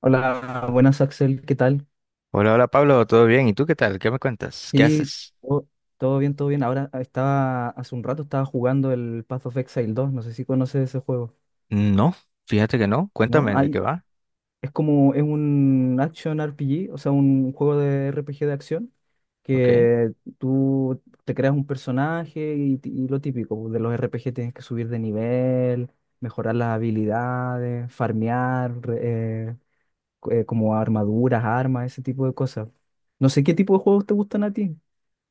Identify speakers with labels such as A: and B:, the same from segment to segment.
A: Hola, buenas Axel, ¿qué tal?
B: Hola, hola Pablo, ¿todo bien? ¿Y tú qué tal? ¿Qué me cuentas? ¿Qué
A: Y
B: haces?
A: todo, todo bien, todo bien. Hace un rato estaba jugando el Path of Exile dos. No sé si conoces ese juego,
B: No, fíjate que no.
A: ¿no?
B: Cuéntame de qué va.
A: Es como, es un action RPG, o sea, un juego de RPG de acción,
B: Ok.
A: que tú te creas un personaje y, y lo típico, pues, de los RPG tienes que subir de nivel, mejorar las habilidades, farmear, como armaduras, armas, ese tipo de cosas. No sé qué tipo de juegos te gustan a ti.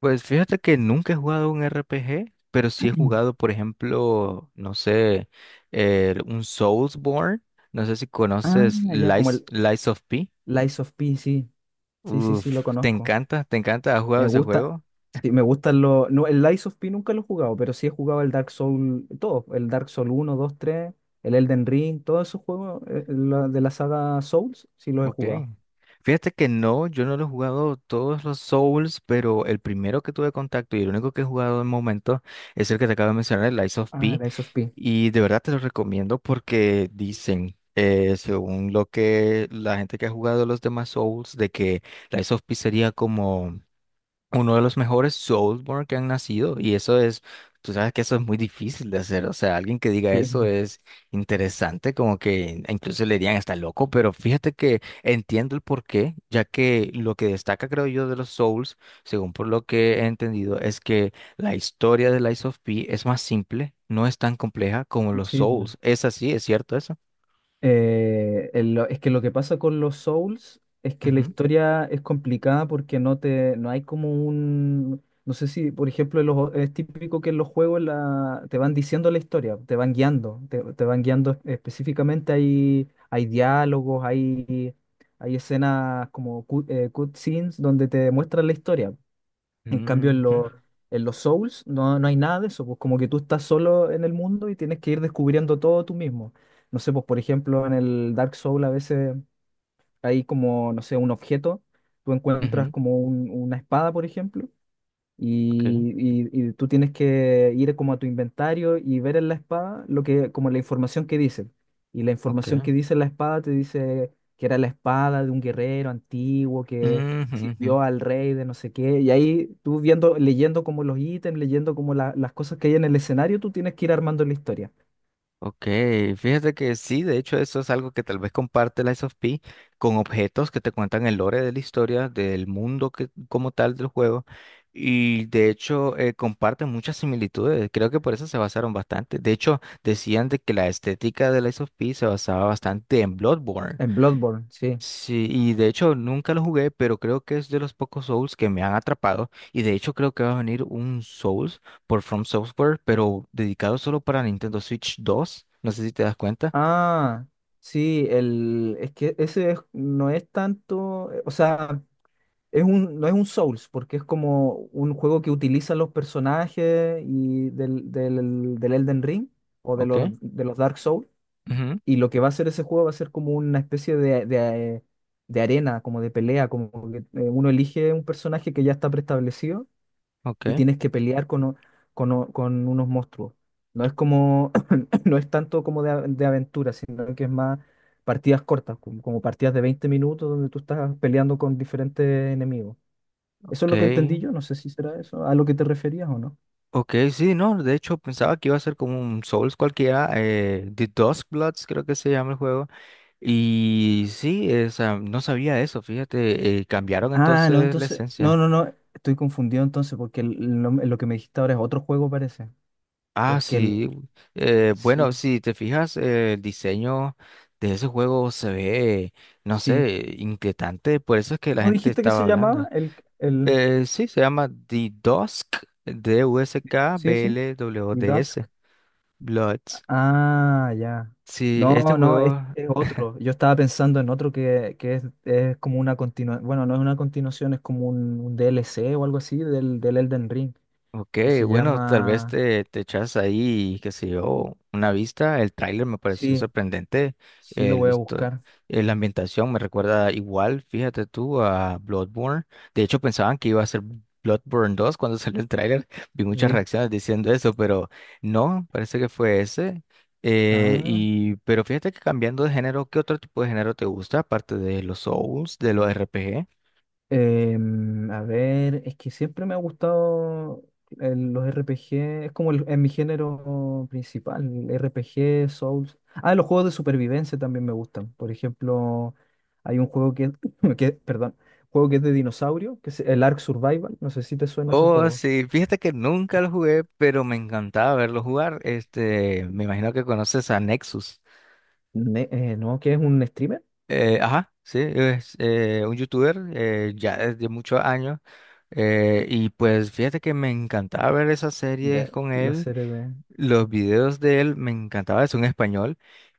B: Pues fíjate que nunca he jugado un RPG, pero sí he jugado, por ejemplo, no sé, un Soulsborne. No sé si
A: Ah,
B: conoces
A: ya, como
B: Lies,
A: el
B: Lies of P.
A: Lies of P, sí. Sí, sí, sí, lo
B: Uf, ¿te
A: conozco.
B: encanta? ¿Te encanta? ¿Has jugado
A: Me
B: ese
A: gusta.
B: juego?
A: Sí, me gustan los. No, el Lies of P nunca lo he jugado, pero sí he jugado el Dark Soul, todo. El Dark Soul uno, 2, 3, el Elden Ring, todos esos juegos de la saga Souls, sí los he
B: Ok.
A: jugado.
B: Fíjate que no, yo no lo he jugado todos los Souls, pero el primero que tuve contacto y el único que he jugado de momento es el que te acabo de mencionar, el Lies of
A: Ah,
B: P.
A: Lies of P.
B: Y de verdad te lo recomiendo porque dicen, según lo que la gente que ha jugado los demás Souls, de que Lies of P sería como uno de los mejores Soulsborne que han nacido y eso es, tú sabes que eso es muy difícil de hacer, o sea, alguien que diga
A: Sí,
B: eso
A: po,
B: es interesante, como que incluso le dirían está loco, pero fíjate que entiendo el porqué, ya que lo que destaca creo yo de los Souls, según por lo que he entendido, es que la historia de Lies of P es más simple, no es tan compleja como los
A: sí, pues.
B: Souls, es así, es cierto eso.
A: Es que lo que pasa con los Souls es que la
B: Ujú,
A: historia es complicada porque no hay como un, no sé si, por ejemplo, es típico que en los juegos te van diciendo la historia, te van guiando, te van guiando específicamente, hay diálogos, hay escenas como cutscenes donde te muestran la historia. En cambio, en,
B: ujú,
A: lo- en los Souls no, no hay nada de eso, pues como que tú estás solo en el mundo y tienes que ir descubriendo todo tú mismo. No sé, pues por ejemplo, en el Dark Soul a veces hay como, no sé, un objeto, tú encuentras
B: ujú,
A: como una espada, por ejemplo,
B: ok,
A: y, y tú tienes que ir como a tu inventario y ver en la espada como la información que dice. Y la información
B: ok,
A: que dice la espada te dice que era la espada de un guerrero antiguo que
B: ujú, ujú.
A: sirvió al rey de no sé qué. Y ahí tú viendo, leyendo como los ítems, leyendo como las cosas que hay en el escenario, tú tienes que ir armando la historia.
B: Ok, fíjate que sí, de hecho eso es algo que tal vez comparte la of P con objetos que te cuentan el lore de la historia, del mundo que, como tal del juego, y de hecho comparten muchas similitudes, creo que por eso se basaron bastante, de hecho decían de que la estética de la of P se basaba bastante en Bloodborne.
A: En Bloodborne, sí.
B: Sí, y de hecho nunca lo jugué, pero creo que es de los pocos Souls que me han atrapado. Y de hecho creo que va a venir un Souls por From Software, pero dedicado solo para Nintendo Switch 2. No sé si te das cuenta.
A: Ah, sí, es que ese no es tanto, o sea... Es un, no es un Souls, porque es como un juego que utiliza los personajes y del Elden Ring o
B: Ok.
A: de los Dark Souls.
B: Ujú.
A: Y lo que va a hacer ese juego va a ser como una especie de arena, como de pelea, como que uno elige un personaje que ya está preestablecido
B: Ok.
A: y tienes que pelear con unos monstruos. No es como, no es tanto como de, de aventura, sino que es más partidas cortas, como, como partidas de 20 minutos donde tú estás peleando con diferentes enemigos. Eso es
B: Ok.
A: lo que entendí yo, no sé si será eso, a lo que te referías o no.
B: Ok, sí, no. De hecho pensaba que iba a ser como un Souls cualquiera. The Bloods creo que se llama el juego. Y sí, o sea, no sabía eso. Fíjate, cambiaron
A: Ah, no,
B: entonces la
A: entonces, no,
B: esencia.
A: no, no, estoy confundido entonces porque lo que me dijiste ahora es otro juego parece,
B: Ah,
A: porque el,
B: sí. Bueno,
A: sí,
B: si te fijas, el diseño de ese juego se ve, no
A: sí.
B: sé, inquietante. Por eso es que la
A: ¿Cómo
B: gente
A: dijiste que
B: estaba
A: se llamaba?
B: hablando.
A: El,
B: Sí, se llama The Dusk,
A: sí, sí, y Dusk.
B: DUSKBLWDS, Bloods.
A: Ah, ya.
B: Sí, este
A: No, no,
B: juego.
A: es otro. Yo estaba pensando en otro que es como una continuación, bueno, no es una continuación, es como un DLC o algo así del Elden Ring,
B: Ok,
A: que se
B: bueno, tal vez
A: llama,
B: te echas ahí, qué sé yo, una vista. El tráiler me pareció
A: sí,
B: sorprendente.
A: sí lo
B: El,
A: voy a
B: histo-
A: buscar.
B: la ambientación me recuerda igual, fíjate tú, a Bloodborne. De hecho, pensaban que iba a ser Bloodborne 2 cuando salió el tráiler. Vi muchas
A: Sí.
B: reacciones diciendo eso, pero no, parece que fue ese.
A: Ah,
B: Pero fíjate que cambiando de género, ¿qué otro tipo de género te gusta, aparte de los Souls, de los RPG?
A: a ver, es que siempre me ha gustado los RPG, es como es mi género principal, el RPG, Souls. Ah, los juegos de supervivencia también me gustan. Por ejemplo, hay un perdón, juego que es de dinosaurio, que es el Ark Survival, no sé si te suena ese
B: Oh,
A: juego.
B: sí, fíjate que nunca lo jugué, pero me encantaba verlo jugar. Este, me imagino que conoces a Nexus.
A: No, que es un streamer.
B: Ajá, sí, es un youtuber ya desde muchos años. Y pues fíjate que me encantaba ver esas
A: Ve,
B: series con
A: la
B: él.
A: serie de...
B: Los videos de él me encantaba, es un español.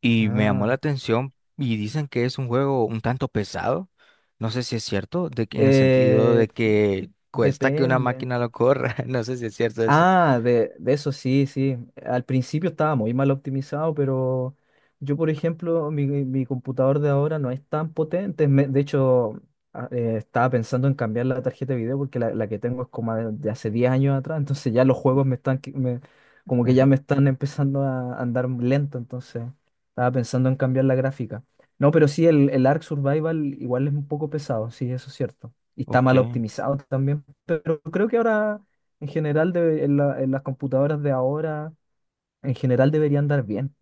B: Y me llamó la
A: Ah,
B: atención. Y dicen que es un juego un tanto pesado. No sé si es cierto, de que, en el sentido de
A: eh,
B: que cuesta que una
A: depende.
B: máquina lo corra. No sé si es cierto eso.
A: Ah, de eso sí, sí. Al principio estaba muy mal optimizado, pero yo, por ejemplo, mi computador de ahora no es tan potente. De hecho, estaba pensando en cambiar la tarjeta de video porque la que tengo es como de hace 10 años atrás. Entonces ya los juegos me están, como que ya me están empezando a andar lento. Entonces estaba pensando en cambiar la gráfica. No, pero sí, el Ark Survival igual es un poco pesado, sí, eso es cierto. Y está
B: Ok.
A: mal optimizado también, pero creo que ahora... En general, en las computadoras de ahora, en general deberían andar bien.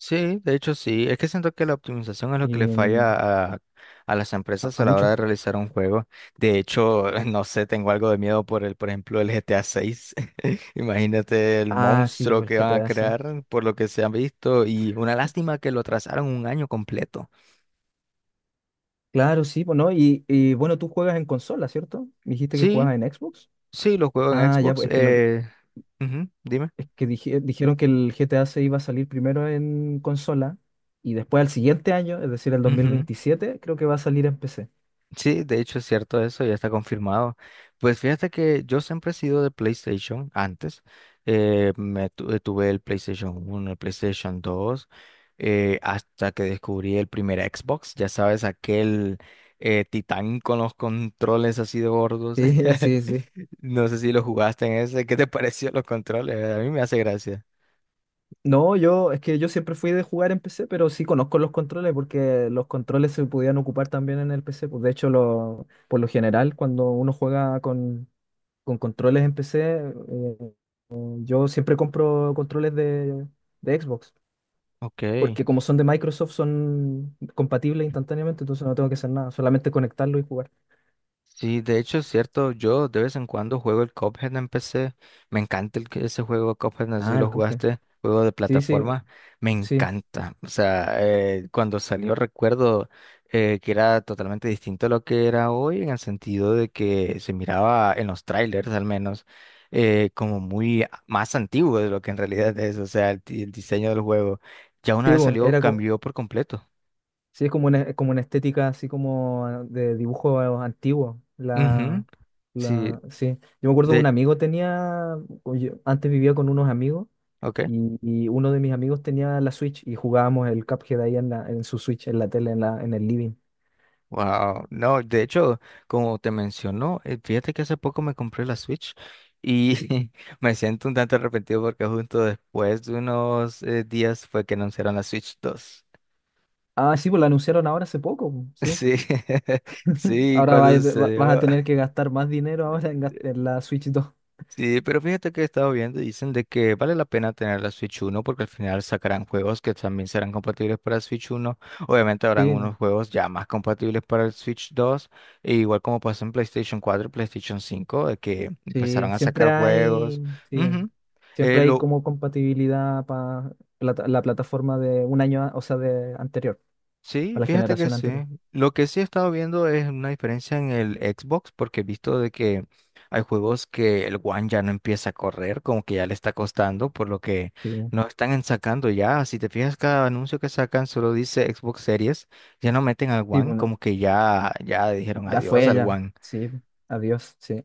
B: Sí, de hecho sí. Es que siento que la optimización es
A: Y
B: lo que le falla a, las empresas
A: a
B: a la hora
A: muchos.
B: de realizar un juego. De hecho, no sé, tengo algo de miedo por por ejemplo, el GTA 6. Imagínate el
A: Ah, sí,
B: monstruo
A: pues el
B: que van a
A: GTA 6.
B: crear por lo que se han visto y una lástima que lo atrasaron un año completo.
A: Claro, sí, pues no. Y, bueno, tú juegas en consola, ¿cierto? Me dijiste que
B: Sí,
A: jugabas en Xbox.
B: sí, lo juego en
A: Ah, ya, pues
B: Xbox.
A: es que, lo, que-
B: Ujú, dime.
A: es que dije- eh, dijeron que el GTA 6 iba a salir primero en consola y después al siguiente año, es decir, el dos mil
B: Ujú.
A: veintisiete, creo que va a salir en PC.
B: Sí, de hecho es cierto eso, ya está confirmado. Pues fíjate que yo siempre he sido de PlayStation antes. Tuve el PlayStation 1, el PlayStation 2, hasta que descubrí el primer Xbox. Ya sabes, aquel titán con los controles así de gordos.
A: Sí, sí, sí.
B: No sé si lo jugaste en ese. ¿Qué te pareció los controles? A mí me hace gracia.
A: No, yo, es que yo siempre fui de jugar en PC, pero sí conozco los controles porque los controles se podían ocupar también en el PC. Pues de hecho, lo, por lo general, cuando uno juega con controles en PC, eh, yo siempre compro controles de Xbox,
B: Ok.
A: porque como son de Microsoft, son compatibles instantáneamente, entonces no tengo que hacer nada, solamente conectarlo y jugar.
B: Sí, de hecho es cierto, yo de vez en cuando juego el Cuphead en PC, me encanta ese juego Cuphead, no sé si
A: Ah, el
B: lo
A: Cuphead.
B: jugaste, juego de
A: Sí, sí,
B: plataforma, me
A: sí.
B: encanta, o sea, cuando salió recuerdo que era totalmente distinto a lo que era hoy en el sentido de que se miraba en los trailers al menos más antiguo de lo que en realidad es, o sea, el diseño del juego ya una
A: Sí,
B: vez
A: pues,
B: salió cambió por completo.
A: sí, es como una estética así como de dibujo antiguo.
B: Ujú, sí,
A: Sí. Yo me acuerdo un
B: de,
A: amigo tenía, oye, antes vivía con unos amigos
B: ok.
A: y uno de mis amigos tenía la Switch y jugábamos el Cuphead ahí en su Switch, en la tele, en el living.
B: Wow, no, de hecho, como te mencionó, fíjate que hace poco me compré la Switch y me siento un tanto arrepentido porque justo después de unos días fue que anunciaron la Switch 2.
A: Ah, sí, pues lo anunciaron ahora hace poco, po, sí.
B: Sí, sí,
A: Ahora
B: cuando
A: vas a
B: sucedió.
A: tener que gastar más dinero ahora en la Switch dos.
B: Sí, pero fíjate que he estado viendo y dicen de que vale la pena tener la Switch 1 porque al final sacarán juegos que también serán compatibles para el Switch 1. Obviamente habrán
A: Sí,
B: unos juegos ya más compatibles para el Switch 2 e igual como pasó en PlayStation 4 y PlayStation 5 de que
A: Sí,
B: empezaron a sacar juegos.
A: sí,
B: Ujú.
A: siempre hay
B: Lo
A: como compatibilidad para la plataforma de un año, o sea, de anterior,
B: Sí,
A: para la
B: fíjate que
A: generación
B: sí.
A: anterior.
B: Lo que sí he estado viendo es una diferencia en el Xbox, porque he visto de que hay juegos que el One ya no empieza a correr, como que ya le está costando, por lo que
A: Sí,
B: no están en sacando ya. Si te fijas, cada anuncio que sacan solo dice Xbox Series, ya no meten al
A: sí,
B: One,
A: bueno,
B: como que ya, dijeron
A: ya
B: adiós
A: fue,
B: al
A: ya,
B: One.
A: sí, adiós, sí.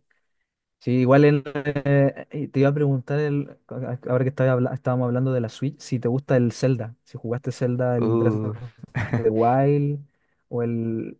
A: Sí, igual te iba a preguntar, ahora que estábamos hablando de la Switch, si te gusta el Zelda, si jugaste Zelda, el Breath
B: Uf.
A: of the Wild, o el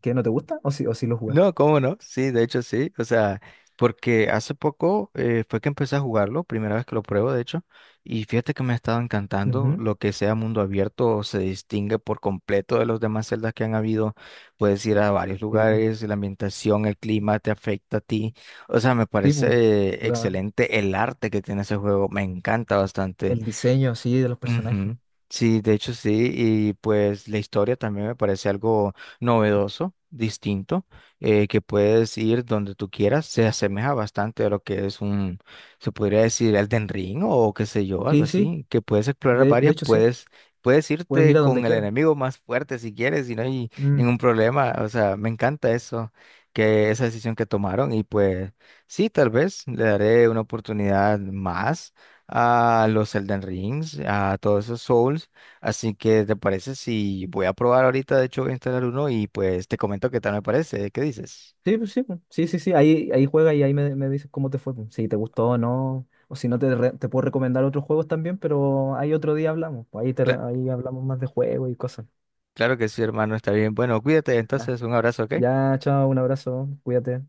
A: que no te gusta, o si lo jugaste.
B: No, ¿cómo no? Sí, de hecho sí. O sea, porque hace poco fue que empecé a jugarlo, primera vez que lo pruebo, de hecho, y fíjate que me ha estado encantando.
A: Ujú.
B: Lo que sea mundo abierto se distingue por completo de los demás celdas que han habido. Puedes ir a varios
A: Sí,
B: lugares, la ambientación, el clima te afecta a ti. O sea, me
A: sí, pues,
B: parece
A: la-
B: excelente el arte que tiene ese juego, me encanta bastante.
A: el diseño así de los personajes.
B: Ujú. Sí, de hecho sí, y pues la historia también me parece algo novedoso, distinto, que puedes ir donde tú quieras, se asemeja bastante a lo que es un, se podría decir Elden Ring o qué sé yo, algo
A: Sí, sí,
B: así, que puedes explorar
A: de
B: varias,
A: hecho, sí,
B: puedes
A: puedes
B: irte
A: ir a donde
B: con el
A: quieras.
B: enemigo más fuerte si quieres y no hay
A: Mm.
B: ningún problema, o sea, me encanta eso, que esa decisión que tomaron y pues sí, tal vez le daré una oportunidad más a los Elden Rings, a todos esos Souls. Así que, ¿te parece si voy a probar ahorita? De hecho, voy a instalar uno y pues te comento qué tal me parece. ¿Qué dices?
A: Sí, pues, sí, pues, sí, sí, sí, ahí, ahí juega y ahí me, me dices cómo te fue, pues, si te gustó o no, o si no te, te puedo recomendar otros juegos también, pero ahí otro día hablamos, pues, ahí,
B: Cla-
A: ahí hablamos más de juegos y cosas.
B: claro que sí, hermano, está bien. Bueno, cuídate
A: Ya,
B: entonces, un abrazo, ¿ok?
A: ya, chao, un abrazo, cuídate.